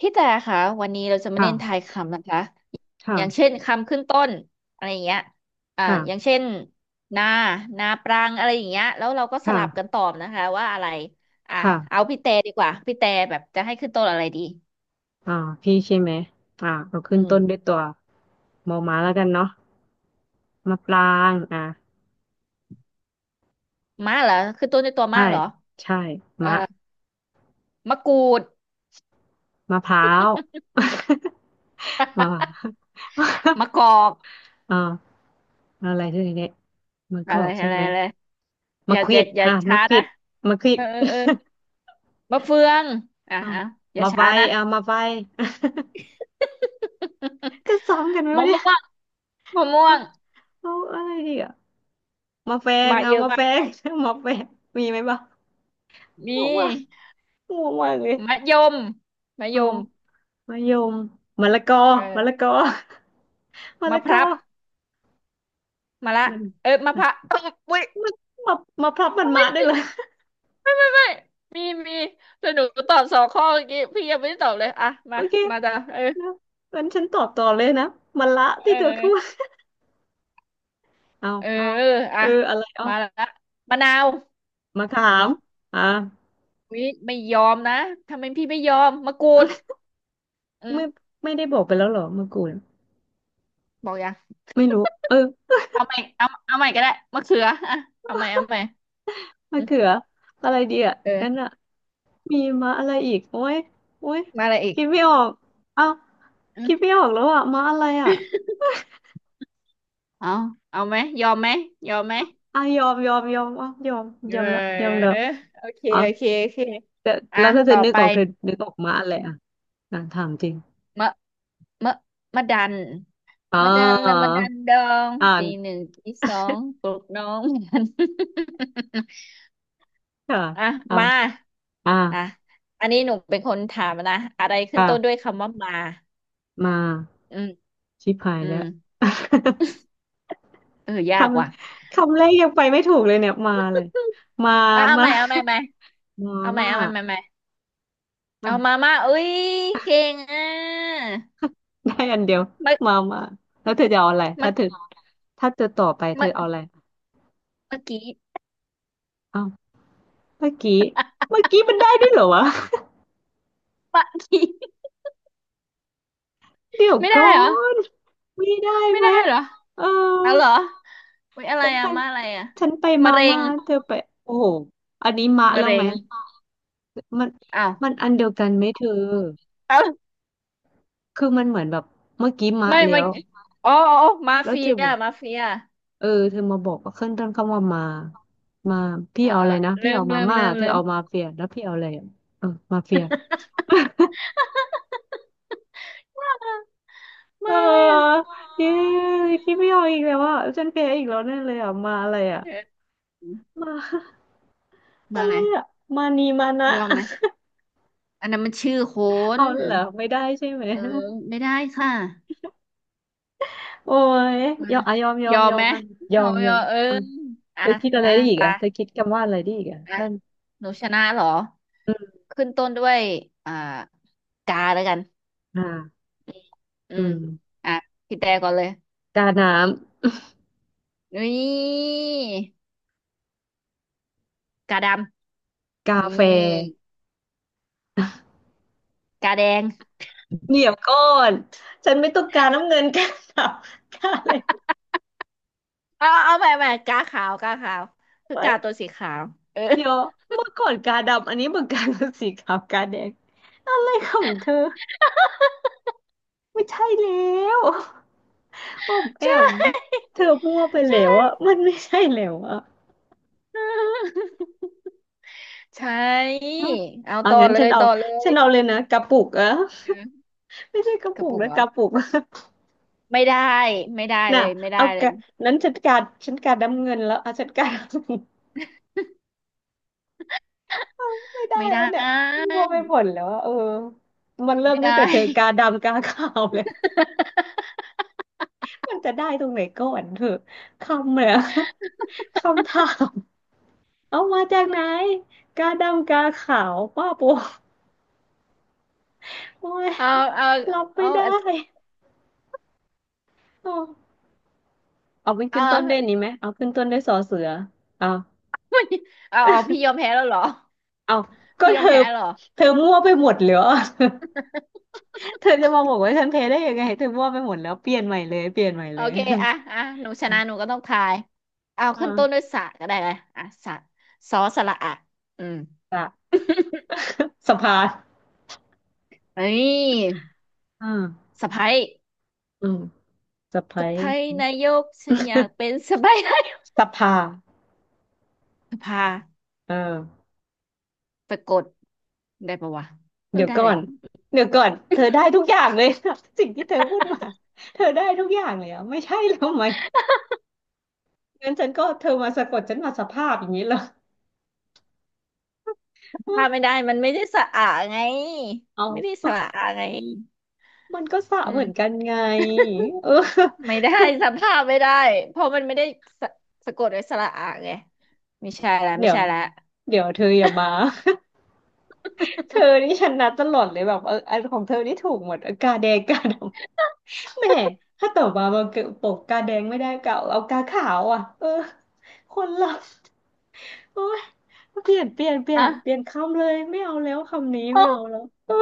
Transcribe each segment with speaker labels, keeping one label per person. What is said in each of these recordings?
Speaker 1: พี่แต่ค่ะวันนี้เราจะมาเล่นทา
Speaker 2: ค่ะ
Speaker 1: ยคำนะคะอย่างเช่
Speaker 2: ค่ะ
Speaker 1: นคำขึ้นต้นอะไรอย่างเงี้ยอย่าง
Speaker 2: ค่ะ
Speaker 1: เช่นนานาปรังอะไรอย่างเงี้ยแล้วเราก็สลับกัน
Speaker 2: ค่ะ
Speaker 1: ตอบนะคะว่าอะไรอ่ะ
Speaker 2: ค่ะ
Speaker 1: เอาพี่แต่ดีกว่าพี่แต่แบบจะให้ขึ้นต้นอะไรดี
Speaker 2: อ่าพี่ใช่ไหม เรา
Speaker 1: อื
Speaker 2: ขึ้น
Speaker 1: ม
Speaker 2: ต้นด้วยตัวมอม้าแล้วกันเนาะมะปราง
Speaker 1: มะเหรอขึ้นต้นด้วยตัว
Speaker 2: ใช่
Speaker 1: มะเหรอ
Speaker 2: ใช่
Speaker 1: เอ่อ
Speaker 2: มะ
Speaker 1: มะกรูด
Speaker 2: มะพร้าว มะพร้าว
Speaker 1: มะกอก
Speaker 2: อ่าอะไรด้วยเนี่ยมันก็
Speaker 1: อะ
Speaker 2: อ
Speaker 1: ไร
Speaker 2: อกใช่
Speaker 1: อะไร
Speaker 2: ไหม
Speaker 1: อะไรอ
Speaker 2: มะ
Speaker 1: ย่า
Speaker 2: ข
Speaker 1: อ
Speaker 2: วิ
Speaker 1: ย่า
Speaker 2: ด
Speaker 1: อย่า
Speaker 2: อ่ะ
Speaker 1: ช้า
Speaker 2: มะขวิ
Speaker 1: นะ
Speaker 2: ดมะขวิ
Speaker 1: เอ
Speaker 2: ด
Speaker 1: อเออเออ มะเฟืองอ่ะ
Speaker 2: อ้าว
Speaker 1: อ่ะอย่า
Speaker 2: มาไฟ
Speaker 1: ช้านะ
Speaker 2: อ่ะมาไฟ จะซ้ำกันไหม
Speaker 1: มะ
Speaker 2: วะเนี่ย
Speaker 1: ม่วงมะม่ว
Speaker 2: เอา
Speaker 1: ง
Speaker 2: เอาอะไรดีอ่ะมาแฟง
Speaker 1: มา
Speaker 2: เอา
Speaker 1: เยอะ
Speaker 2: มาแฟง มาแฟงมีไหมบ้าง
Speaker 1: มี
Speaker 2: บอกว่า งงมากเลย
Speaker 1: มะยมมะย
Speaker 2: เอา
Speaker 1: ม
Speaker 2: มะยมมะละกอ
Speaker 1: เอ
Speaker 2: มะละ
Speaker 1: อ
Speaker 2: กอ มะ
Speaker 1: มะ
Speaker 2: ละ
Speaker 1: พ
Speaker 2: ก
Speaker 1: ร้า
Speaker 2: อ
Speaker 1: วมะละ
Speaker 2: มัน
Speaker 1: เออมะ
Speaker 2: มั
Speaker 1: พ
Speaker 2: น
Speaker 1: ร้าวเอ้ย
Speaker 2: มันมามาพลับมัน
Speaker 1: อุ๊
Speaker 2: มาได้
Speaker 1: ย
Speaker 2: เลย
Speaker 1: ไม่ไม่ไม่ไม่ไมมีมีแต่หนูตอบสองข้อเมื่อกี้พี่ยังไม่ได้ตอบเลยอ่ะ
Speaker 2: โอ
Speaker 1: มา
Speaker 2: เค
Speaker 1: มาจ้ะเออ
Speaker 2: นะงั้นฉันตอบต่อเลยนะมะละ
Speaker 1: เอ
Speaker 2: ที่เธอ
Speaker 1: อ
Speaker 2: พูด เอา
Speaker 1: เออ
Speaker 2: เอา
Speaker 1: อ่ะ
Speaker 2: อะไรเอา
Speaker 1: มาละมะนาว
Speaker 2: มะขา
Speaker 1: อื
Speaker 2: ม
Speaker 1: ม
Speaker 2: อ่า
Speaker 1: วิไม่ยอมนะทำไมพี่ไม่ยอมมะกรูดอื ม
Speaker 2: ไม่ไม่ได้บอกไปแล้วเหรอมะกรูด
Speaker 1: บอกยัง
Speaker 2: ไม่รู้ เออ
Speaker 1: เอาใหม่เอาใหม่ก็ได้มะเขืออ่ะเอาใหม่
Speaker 2: มะ
Speaker 1: อืม
Speaker 2: เขืออะไรดีอ่ะนั่น
Speaker 1: เออ
Speaker 2: อ่ะมีมาอะไรอีกโอ้ยโอ้ย
Speaker 1: มาอะไรอีก
Speaker 2: คิดไม่ออกเอา
Speaker 1: อืม
Speaker 2: คิดไม่ออกแล้วอ่ะมาอะไรอ่ะ
Speaker 1: เอาเอาไหมยอมไหมยอมไหม
Speaker 2: อ่ะยอมยอมยอมอ่ะยอมย
Speaker 1: เอ
Speaker 2: อมแล้วยอ
Speaker 1: อ
Speaker 2: มแล้ว
Speaker 1: โอเค
Speaker 2: อ๋อ
Speaker 1: โอเคโอเค
Speaker 2: แต่
Speaker 1: อ่ะ
Speaker 2: แล้วถ้าเธ
Speaker 1: ต่
Speaker 2: อ
Speaker 1: อ
Speaker 2: นึก
Speaker 1: ไป
Speaker 2: ออกเธอนึกออกมาอะไรอ่ะอ่ะถามจริง
Speaker 1: มะมะมะดัน
Speaker 2: อ๋อ
Speaker 1: มะดันละมะดันดอง
Speaker 2: อ่าน
Speaker 1: ตีหนึ่งตีสองปลุกน้องมัน
Speaker 2: ค่ะ
Speaker 1: อ่ะ
Speaker 2: อ่า
Speaker 1: มา
Speaker 2: อ่า
Speaker 1: อ่ะอันนี้หนูเป็นคนถามนะอะไรขึ้น
Speaker 2: ค่ะ
Speaker 1: ต้นด้วยคำว่ามา
Speaker 2: มา
Speaker 1: อืม
Speaker 2: ชิบหาย
Speaker 1: อื
Speaker 2: แล้
Speaker 1: ม
Speaker 2: ว
Speaker 1: เออ
Speaker 2: ค
Speaker 1: ยากว่ะ
Speaker 2: คำแรกยังไปไม่ถูกเลยเนี่ยมาเลยมา
Speaker 1: อ่ะเอา
Speaker 2: มา
Speaker 1: ใหม่เอาใหม่
Speaker 2: มา
Speaker 1: เอาใหม่
Speaker 2: มา
Speaker 1: เอาใหม่
Speaker 2: มา
Speaker 1: เอามาเอ้ยเก่งอ่ะ
Speaker 2: ได้อันเดียว
Speaker 1: เมา
Speaker 2: มาแล้วเธอจะเอาอะไร
Speaker 1: มา
Speaker 2: ถ้าเธอต่อไปเธอ
Speaker 1: มา
Speaker 2: เอาอะไร
Speaker 1: เมื่อกี้
Speaker 2: อ้าวเมื่อกี้เมื่อกี้มันได้ด้วยเหรอวะ
Speaker 1: ะกี้
Speaker 2: เดี๋ยว
Speaker 1: ไม่
Speaker 2: ก่อ
Speaker 1: ได้เหรอ
Speaker 2: นไม่ได้
Speaker 1: ไม่
Speaker 2: ไหม
Speaker 1: ได้เหรอ
Speaker 2: เออ
Speaker 1: อ๋อเหรออุ้ยอะไร
Speaker 2: ฉันไป
Speaker 1: อะมาอะไรอะ
Speaker 2: ฉันไป
Speaker 1: มะ
Speaker 2: มา
Speaker 1: เร็
Speaker 2: ม่า
Speaker 1: ง
Speaker 2: เธอไปโอ้โหอันนี้มะ
Speaker 1: มะ
Speaker 2: แล้ว
Speaker 1: เร็
Speaker 2: ไหม
Speaker 1: ง
Speaker 2: มัน
Speaker 1: อ้าว
Speaker 2: มันอันเดียวกันไหมเธอ
Speaker 1: อ้าว
Speaker 2: คือมันเหมือนแบบเมื่อกี้มะ
Speaker 1: ไม่
Speaker 2: แล้
Speaker 1: มา
Speaker 2: ว
Speaker 1: อ๋อมา
Speaker 2: แล้ว
Speaker 1: เฟี
Speaker 2: เธอ
Speaker 1: ย
Speaker 2: บอก
Speaker 1: มาเฟีย
Speaker 2: เออเธอมาบอกว่าขึ้นต้นคำว่ามามาพี่
Speaker 1: เออ
Speaker 2: เอา
Speaker 1: เอ
Speaker 2: อะ
Speaker 1: อ
Speaker 2: ไรนะ
Speaker 1: ลื
Speaker 2: พี่
Speaker 1: ม
Speaker 2: เอามา
Speaker 1: ลืม
Speaker 2: ม่า
Speaker 1: ลืม
Speaker 2: เธอ
Speaker 1: ลืม
Speaker 2: เอามาเฟียแล้วพี่เอาอะไรอะเออมาเฟีย
Speaker 1: มา
Speaker 2: เ
Speaker 1: มาอะไรอะ
Speaker 2: ออเย้พี่ไม่เอาอีกแล้วอ่ะฉันแพ้อีกแล้วแน่เลยอ่ะมาอะไรอ่ะ
Speaker 1: เออ
Speaker 2: มา
Speaker 1: มา
Speaker 2: อะ
Speaker 1: อะ
Speaker 2: ไร
Speaker 1: ไร
Speaker 2: อะมานีมานะ
Speaker 1: ยอมไหม อันนั้นมันชื่อโค
Speaker 2: เอา
Speaker 1: น
Speaker 2: เหรอไม่ได้ใช่ไหม
Speaker 1: เออไม่ได้ค่ะ
Speaker 2: โอ้ย
Speaker 1: มา
Speaker 2: ยอมอะยอมยอ
Speaker 1: ย
Speaker 2: ม
Speaker 1: อม
Speaker 2: ยอ
Speaker 1: ไหม
Speaker 2: มอะย
Speaker 1: ย
Speaker 2: อ
Speaker 1: อ
Speaker 2: ม
Speaker 1: ม
Speaker 2: ย
Speaker 1: ย
Speaker 2: อ
Speaker 1: อ
Speaker 2: ม
Speaker 1: มเออ
Speaker 2: อ่ะ
Speaker 1: อ่ะ
Speaker 2: เธอคิดอะไร
Speaker 1: อ่ะ
Speaker 2: ได้อีก
Speaker 1: ตา
Speaker 2: อ่ะเธอคิดคำว่าอะไรได้อีกอ่ะ
Speaker 1: อ่ะ
Speaker 2: ท่าน
Speaker 1: หนูชนะเหรอ
Speaker 2: อืม
Speaker 1: ขึ้นต้นด้วยอ่ากาแล้วกัน
Speaker 2: อ่า
Speaker 1: อื
Speaker 2: อื
Speaker 1: ม
Speaker 2: ม
Speaker 1: อ่ะพี่แต่ก่อนเลย
Speaker 2: กาน้
Speaker 1: นี่กาด
Speaker 2: ำ
Speaker 1: ำ
Speaker 2: กา
Speaker 1: นี่
Speaker 2: แฟ
Speaker 1: กาแดง
Speaker 2: เดี๋ยวก่อนฉันไม่ต้องการน้ำเงิน กาดำกาอะไร
Speaker 1: เอาเอาใหม่กาขาวคือ
Speaker 2: ไว้
Speaker 1: กาตัวสีขาวเออ
Speaker 2: เดี๋ยวเมื่อก่อนกาดำอันนี้เมื่อ ก่อนสีขาวกาแดงอะไรของเธอไม่ใช่แล้ว อ้อม แอ
Speaker 1: ใช
Speaker 2: ม
Speaker 1: ่
Speaker 2: เธอมั่วไป
Speaker 1: ใช
Speaker 2: แล้วอะ
Speaker 1: ่
Speaker 2: มันไม่ใช่แล้วอะ
Speaker 1: ใช่เอา
Speaker 2: เอา
Speaker 1: ต่อ
Speaker 2: งั้น
Speaker 1: เล
Speaker 2: ฉัน
Speaker 1: ย
Speaker 2: เอา
Speaker 1: ต่อเล
Speaker 2: ฉั
Speaker 1: ย
Speaker 2: นเอาเลยนะกระปุกอะ
Speaker 1: เออ
Speaker 2: ไม่ใช่กระ
Speaker 1: ก
Speaker 2: ปุ
Speaker 1: ระ
Speaker 2: ก
Speaker 1: ปุก
Speaker 2: นะ
Speaker 1: เหร
Speaker 2: ก
Speaker 1: อ
Speaker 2: ระปุก
Speaker 1: ไม่ได้ไม่ได้
Speaker 2: น่ะ
Speaker 1: เลยไม่ได้
Speaker 2: เอา
Speaker 1: เล
Speaker 2: ก
Speaker 1: ย
Speaker 2: ระนั้นฉันการฉันการน้ำเงินแล้วเอาฉันการเอา ไม่ได้
Speaker 1: ไม่ได้
Speaker 2: แล้วเนี่ยมั่วไปหมดแล้วอะเออมันเริ่ม
Speaker 1: ไม่
Speaker 2: ตั้
Speaker 1: ได้
Speaker 2: งแต่เธอกาดำกาขาวเลย มันจะได้ตรงไหนก่อนเถอะคำเนี่ยคำถามเอามาจากไหนกาดำกาขาวป้าโปโอ้ย
Speaker 1: เอาเอา
Speaker 2: รับไม่
Speaker 1: เอา
Speaker 2: ได้ โอ้เอาเป็น
Speaker 1: เอ
Speaker 2: ขึ้นต้นด้วย
Speaker 1: า
Speaker 2: นี้ไหมเอาขึ้นต้นด้วยสอเสือเอา
Speaker 1: เอาเอาพี่ยอมแพ้แล้วเหรอ
Speaker 2: เอาก็
Speaker 1: พี่ย
Speaker 2: เธ
Speaker 1: อม
Speaker 2: อ
Speaker 1: แพ้เหรอ
Speaker 2: เธอมั่วไปหมดเลยอ่ะ เธอจะมาบอกว่าฉันเพ้ได้ยังไงเธอมั่วไปหมดแล้วเปลี่ยนใหม่เลยเปลี่ยนใหม่
Speaker 1: โอ
Speaker 2: เลย
Speaker 1: เคอ่ะอ่ะหนูช
Speaker 2: อ่ะ
Speaker 1: นะหนูก็ต้องทายเอา
Speaker 2: อ่
Speaker 1: ขึ้นต้นด้
Speaker 2: า
Speaker 1: วยสระก็ได้ไงอ่ะสระสอสระอะอืม
Speaker 2: สะ สภา
Speaker 1: นี่
Speaker 2: อ่า
Speaker 1: สะใภ้
Speaker 2: อืมสะไพร
Speaker 1: สะใภ้นายกฉันอยากเป็ นสะใภ้นายก
Speaker 2: สภา
Speaker 1: สภา
Speaker 2: เออ
Speaker 1: ไปกดได้ปะวะเออ
Speaker 2: เดี๋ยว
Speaker 1: ได้
Speaker 2: ก่อ
Speaker 1: แหละ
Speaker 2: นเดี๋ยวก่อนเธอได้ทุกอย่างเลย สิ่งที่เธอพูดมาเธอได้ทุกอย่างเลยอ่ะไม่ใช่แล้วไหมงั้นฉันก็เธอมาสะกดฉันมาสภาพอย่างนี้เหรอ
Speaker 1: สภาไม่ได้มันไม่ได้สระอะไง
Speaker 2: เอ
Speaker 1: ไม่ได้ส
Speaker 2: า
Speaker 1: ระอะไง
Speaker 2: มันก็สระ
Speaker 1: อื
Speaker 2: เหมือนกั
Speaker 1: ม
Speaker 2: นไงเออ
Speaker 1: ไม่ได้สภาพไม่ได้เพราะมันไม่ได้สะสะกดด้วยสระอะไงไม่ใช่แล้วไม่
Speaker 2: เดี๋ยว
Speaker 1: ใช่แล้ว
Speaker 2: เดี๋ยวเธออย่ามา เธอนี่ชนะตลอดเลยแบบเอออันของเธอนี่ถูกหมดเออกาแดงกาดำ แหมถ้าต่อมามาเกิดปกกาแดงไม่ได้ก็เอาเอากาขาวอ่ะเออคนละโอ้ยเปลี่ยนเปลี่ยนเปลี่ยนเปลี่ย
Speaker 1: อ่ะ
Speaker 2: นคำเลยไม่เอาแล้วคำนี้
Speaker 1: โอ้
Speaker 2: ไม่เอาแล้ว เออ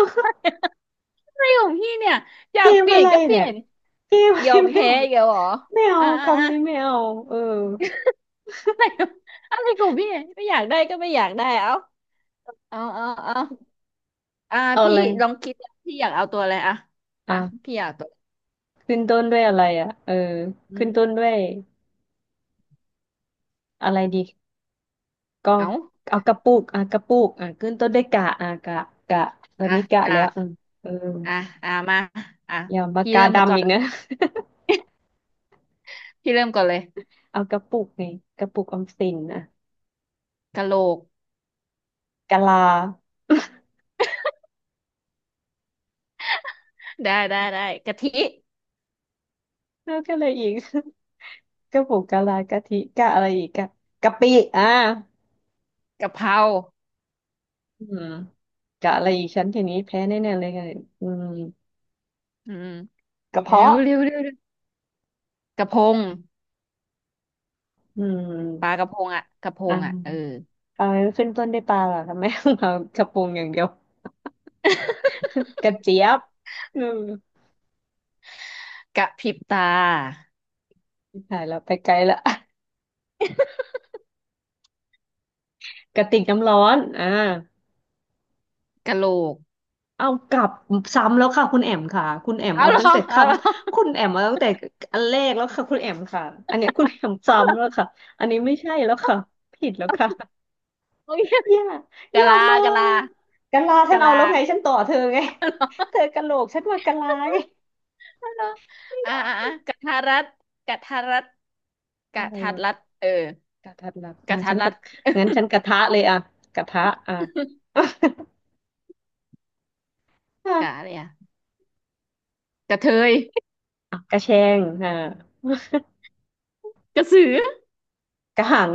Speaker 1: อะไรของพี่เนี่ยอยา
Speaker 2: เก
Speaker 1: ก
Speaker 2: ม
Speaker 1: เปลี่
Speaker 2: อะ
Speaker 1: ยน
Speaker 2: ไร
Speaker 1: ก็เป
Speaker 2: เนี่
Speaker 1: ลี่
Speaker 2: ย
Speaker 1: ยน
Speaker 2: เกมอะ
Speaker 1: ย
Speaker 2: ไร
Speaker 1: อม
Speaker 2: ไม่
Speaker 1: แพ้
Speaker 2: เอา
Speaker 1: อีกแล้วเหรอ
Speaker 2: ไม่เอา
Speaker 1: อ่า
Speaker 2: คำนี้ไม่เอาเออ
Speaker 1: อะไรอะไรของพี่เนี่ยไม่อยากได้ก็ไม่อยากได้เอาอ่า
Speaker 2: เอาอะ
Speaker 1: พี่
Speaker 2: ไร
Speaker 1: ลองคิดพี่อยากเอาตัวอะไรอ่ะอ่ะ
Speaker 2: อ่ะ
Speaker 1: พี่อยากตัว
Speaker 2: ขึ้นต้นด้วยอะไรอ่ะเออ
Speaker 1: อื
Speaker 2: ขึ้นต้
Speaker 1: ม
Speaker 2: นด้วยอะไรดีก็
Speaker 1: เอา
Speaker 2: เอากระปุกอ่ะกระปุกอ่ะขึ้นต้นด้วยกะอ่ะกะตอน
Speaker 1: อ่ะ
Speaker 2: นี้กะ
Speaker 1: กะ
Speaker 2: แล้วอ่ะเออ
Speaker 1: อ่ะอ่ะมาอ่ะ
Speaker 2: อย่าปาก
Speaker 1: พี่
Speaker 2: กา
Speaker 1: เริ่มก่
Speaker 2: ดำ
Speaker 1: อ
Speaker 2: อีก
Speaker 1: น
Speaker 2: นะ
Speaker 1: พี่เริ่มก่อนเลย
Speaker 2: เอากระปุกไงกระปุกออมสินอ่ะ
Speaker 1: กะโหลก
Speaker 2: กะลา
Speaker 1: ได้กะทิ
Speaker 2: แล้วก็อะไรอีก กระปุกกะลากะทิกะอะไรอีกกะกะปิอ่ะ
Speaker 1: กะเพรา
Speaker 2: อืมกะอะไรอีกฉันทีนี้แพ้แน่ๆเลยไงอืม
Speaker 1: อืม
Speaker 2: กระ
Speaker 1: เร็ว
Speaker 2: เพาะ
Speaker 1: เร็วเร็วเร็วกระพง
Speaker 2: อื
Speaker 1: ปลาก
Speaker 2: ม
Speaker 1: ระพงอ่ะกระพ
Speaker 2: อ่
Speaker 1: งอ่ะเออ
Speaker 2: ะเออขึ้นต้นด้วยปลาเหรอทำไม เรากระปรุงอย่างเดียว กระเจี๊ยบอืม
Speaker 1: กระพริบตา
Speaker 2: ถ่ายแล้วไปไกลละ กระติกน้ำร้อน
Speaker 1: กะโหลก
Speaker 2: เอากลับซ้ำแล้วค่ะคุณแอมค่ะคุณแอม
Speaker 1: เอา
Speaker 2: เอา
Speaker 1: เหร
Speaker 2: ตั้ง
Speaker 1: อ
Speaker 2: แต่ค
Speaker 1: เอาเหรอ
Speaker 2: ำคุณแอมเอาตั้งแต่อันแรกแล้วค่ะคุณแอมค่ะอันเนี้ยคุณแอมซ้ำแล้วค่ะอันนี้ไม่ใช่แล้วค่ะผิดแล้วค่ะ
Speaker 1: โอ้ย
Speaker 2: อย่าอ
Speaker 1: กะ
Speaker 2: ย่า
Speaker 1: ลา
Speaker 2: มา
Speaker 1: กะลา
Speaker 2: กะลาฉัน
Speaker 1: กะ
Speaker 2: เอา
Speaker 1: ลา
Speaker 2: แล้วไงฉันต่อเธอไง เธ
Speaker 1: เ
Speaker 2: อกะโหลกฉันว่ากะลาไง
Speaker 1: อาเหรอ
Speaker 2: ไม่
Speaker 1: เอา
Speaker 2: ได้
Speaker 1: เหรอกะทารัด กะทารัด
Speaker 2: อะ
Speaker 1: กะ
Speaker 2: ไร
Speaker 1: ทัดรัด
Speaker 2: วะ
Speaker 1: เออ
Speaker 2: กะทัดรัดอ่ะ
Speaker 1: กะทั
Speaker 2: ฉั
Speaker 1: ด
Speaker 2: นก็
Speaker 1: รัด
Speaker 2: งั้นฉันกระทะเลยอ่ะกระทะอ่ะ
Speaker 1: กะอะ ไรอะกะเทย
Speaker 2: กระแชง
Speaker 1: กระสือ
Speaker 2: กระหัง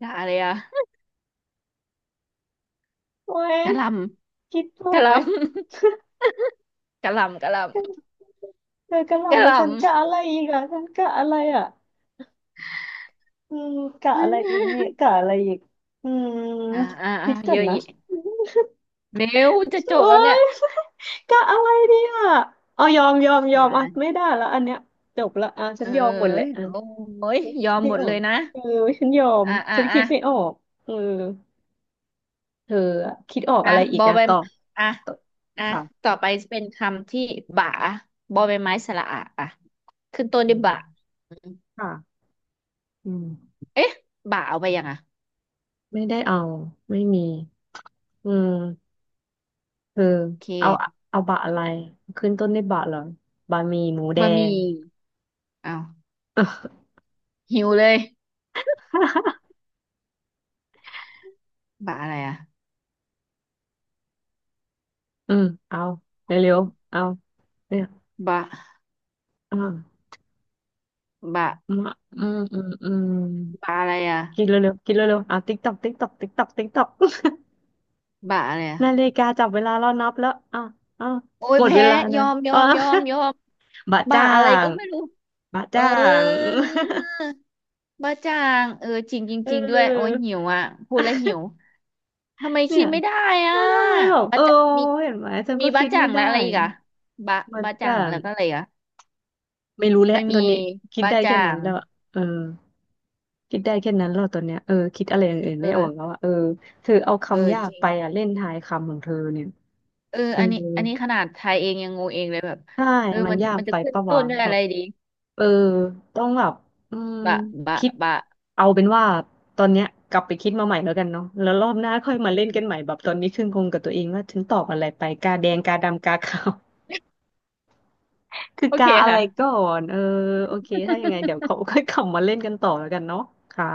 Speaker 1: กะอะไรอะ
Speaker 2: โอ้ย
Speaker 1: กะหล
Speaker 2: คิดถู
Speaker 1: ำ กะ
Speaker 2: ก
Speaker 1: ห
Speaker 2: ไหม
Speaker 1: ลำ กะหลำกะหลำ
Speaker 2: เธอกระห
Speaker 1: กะ
Speaker 2: ล่ำ
Speaker 1: ห
Speaker 2: แล้ว
Speaker 1: ลำ
Speaker 2: ฉันกะอะไรอีกอ่ะฉันกะอะไรอ่ะอืมกะอะไรอีกเนี่ย กะอะไรอีกอืมคิดก่
Speaker 1: เย
Speaker 2: อน
Speaker 1: อะ
Speaker 2: นะ
Speaker 1: แีะเร็วจะจ
Speaker 2: โอ้
Speaker 1: บแล้วเนี่ย
Speaker 2: ยกะอะไรดีอ่ะเอายอมยอมย
Speaker 1: อ่
Speaker 2: อมอ่ะ
Speaker 1: า
Speaker 2: ไม่ได้แล้วอันเนี้ยจบละอ่ะฉัน
Speaker 1: เอ้
Speaker 2: ยอมหมดแหละ
Speaker 1: ย
Speaker 2: อ่ะ
Speaker 1: โอ้ย
Speaker 2: คิ
Speaker 1: ยอ
Speaker 2: ด
Speaker 1: ม
Speaker 2: ไม่
Speaker 1: หมด
Speaker 2: ออ
Speaker 1: เลย
Speaker 2: ก
Speaker 1: นะ
Speaker 2: เออฉันยอม
Speaker 1: อ่าอ่า
Speaker 2: ฉัน
Speaker 1: อ่า
Speaker 2: คิดไม่ออกเออเธออะคิดออก
Speaker 1: อ่ะ
Speaker 2: อะไรอี
Speaker 1: บ
Speaker 2: ก
Speaker 1: อ
Speaker 2: อ่ะ
Speaker 1: ใบ
Speaker 2: ตอบ
Speaker 1: อ่ะ
Speaker 2: ตอบ
Speaker 1: อ่ะ
Speaker 2: ค่ะ
Speaker 1: ต่อไปเป็นคำที่บ่าบอใบไม้สระอะอ่ะขึ้นต้น
Speaker 2: อื
Speaker 1: ด้วยบ่า
Speaker 2: ม
Speaker 1: อืม
Speaker 2: ค่ะ อืม
Speaker 1: เอ๊ะบ่าเอาไปยังอ่ะ
Speaker 2: ไม่ได้เอาไม่มีอืมเออ
Speaker 1: โอเ
Speaker 2: เอา
Speaker 1: ค
Speaker 2: เอาบะอะไรขึ้นต้นด้วยบะเหรอบะหมี่หมูแด
Speaker 1: บะห
Speaker 2: ง
Speaker 1: มี่เอาหิวเลย บ่าอะไรอ่ะ
Speaker 2: อืมเอาเร็วๆเอาเนี่ย
Speaker 1: บ่า
Speaker 2: อ่า
Speaker 1: บ่า
Speaker 2: อืมาอืม
Speaker 1: บ่าอะไรอ่ะ
Speaker 2: กินเร็วๆกินเร็วๆอ่ะติ๊กตอกติ๊กตอกติ๊กตอกติ๊กตอก
Speaker 1: บ่าอะไรอ่ะ
Speaker 2: นาฬิกาจับเวลาเรานับแล้วอ่ะอ่ะ
Speaker 1: โอ้ย
Speaker 2: หมดเว
Speaker 1: แพ้
Speaker 2: ลา
Speaker 1: ย
Speaker 2: นะ
Speaker 1: อมยอ
Speaker 2: อ่ะ
Speaker 1: มยอมยอม
Speaker 2: บะ
Speaker 1: บ้า
Speaker 2: จ้า
Speaker 1: อะไร
Speaker 2: ง
Speaker 1: ก็ไม่รู้
Speaker 2: บะ
Speaker 1: เออ
Speaker 2: จ้าง
Speaker 1: บ้าจางเออจริงจ
Speaker 2: เอ
Speaker 1: ริงๆด้วยโอ้ย
Speaker 2: อ
Speaker 1: หิวอ่ะพูดแล้วหิ วทำไม
Speaker 2: เนี่
Speaker 1: คิ
Speaker 2: ย
Speaker 1: ดไม่ได้อ่ะ
Speaker 2: แล้ว่าทำไมแบบเอ
Speaker 1: บ้า
Speaker 2: อ
Speaker 1: จะมี
Speaker 2: เห็นไหมฉัน
Speaker 1: มี
Speaker 2: ก็
Speaker 1: บ้า
Speaker 2: คิด
Speaker 1: จา
Speaker 2: ไม่
Speaker 1: งแล้ว
Speaker 2: ได้
Speaker 1: อะไรอีกอ่ะบ้า
Speaker 2: มัน
Speaker 1: บ้าจา
Speaker 2: จะ
Speaker 1: งแล้วก็อะไรอีกอ่ะ
Speaker 2: ไม่รู้แห
Speaker 1: ไป
Speaker 2: ละต
Speaker 1: มี
Speaker 2: อนนี้คิด
Speaker 1: บ้า
Speaker 2: ได้
Speaker 1: จา
Speaker 2: แค่นั้น
Speaker 1: ง
Speaker 2: แล้วอะเออคิดได้แค่นั้นแล้วตอนเนี้ยเออคิดอะไรอย่างอื่น
Speaker 1: เอ
Speaker 2: ไม่ออก
Speaker 1: อ
Speaker 2: แล้วอะเออเธอเอา
Speaker 1: เออ
Speaker 2: คำยา
Speaker 1: จ
Speaker 2: ก
Speaker 1: ริง
Speaker 2: ไปอะเล่นทายคำของเธอเนี่ย
Speaker 1: เออ
Speaker 2: เออ
Speaker 1: อันนี้ขนาดไทยเองยังงงเองเลยแบบ
Speaker 2: ใช่
Speaker 1: เออ
Speaker 2: มัน
Speaker 1: มัน
Speaker 2: ยาก
Speaker 1: มันจะ
Speaker 2: ไป
Speaker 1: ขึ้น
Speaker 2: ปะ
Speaker 1: ต้
Speaker 2: วะ
Speaker 1: นด้วย
Speaker 2: แบ
Speaker 1: อะไร
Speaker 2: บ
Speaker 1: ดี
Speaker 2: เออต้องแบบอืม
Speaker 1: บะบะ
Speaker 2: คิด
Speaker 1: บะ
Speaker 2: เอาเป็นว่าตอนเนี้ยกลับไปคิดมาใหม่แล้วกันเนาะแล้วรอบหน้าค่อยมาเล่นกันใหม่แบบตอนนี้ขึ้นคงกับตัวเองว่าฉันตอบอะไรไปกาแดงกาดำกาขาว คือ
Speaker 1: โอเค
Speaker 2: กาอะไร
Speaker 1: ค่ะ
Speaker 2: ก่อน เออ โอเค ถ้ายังไงเดี๋ยวเขา ค่อยกลับมาเล่นกันต่อแล้วกันเนาะค่ะ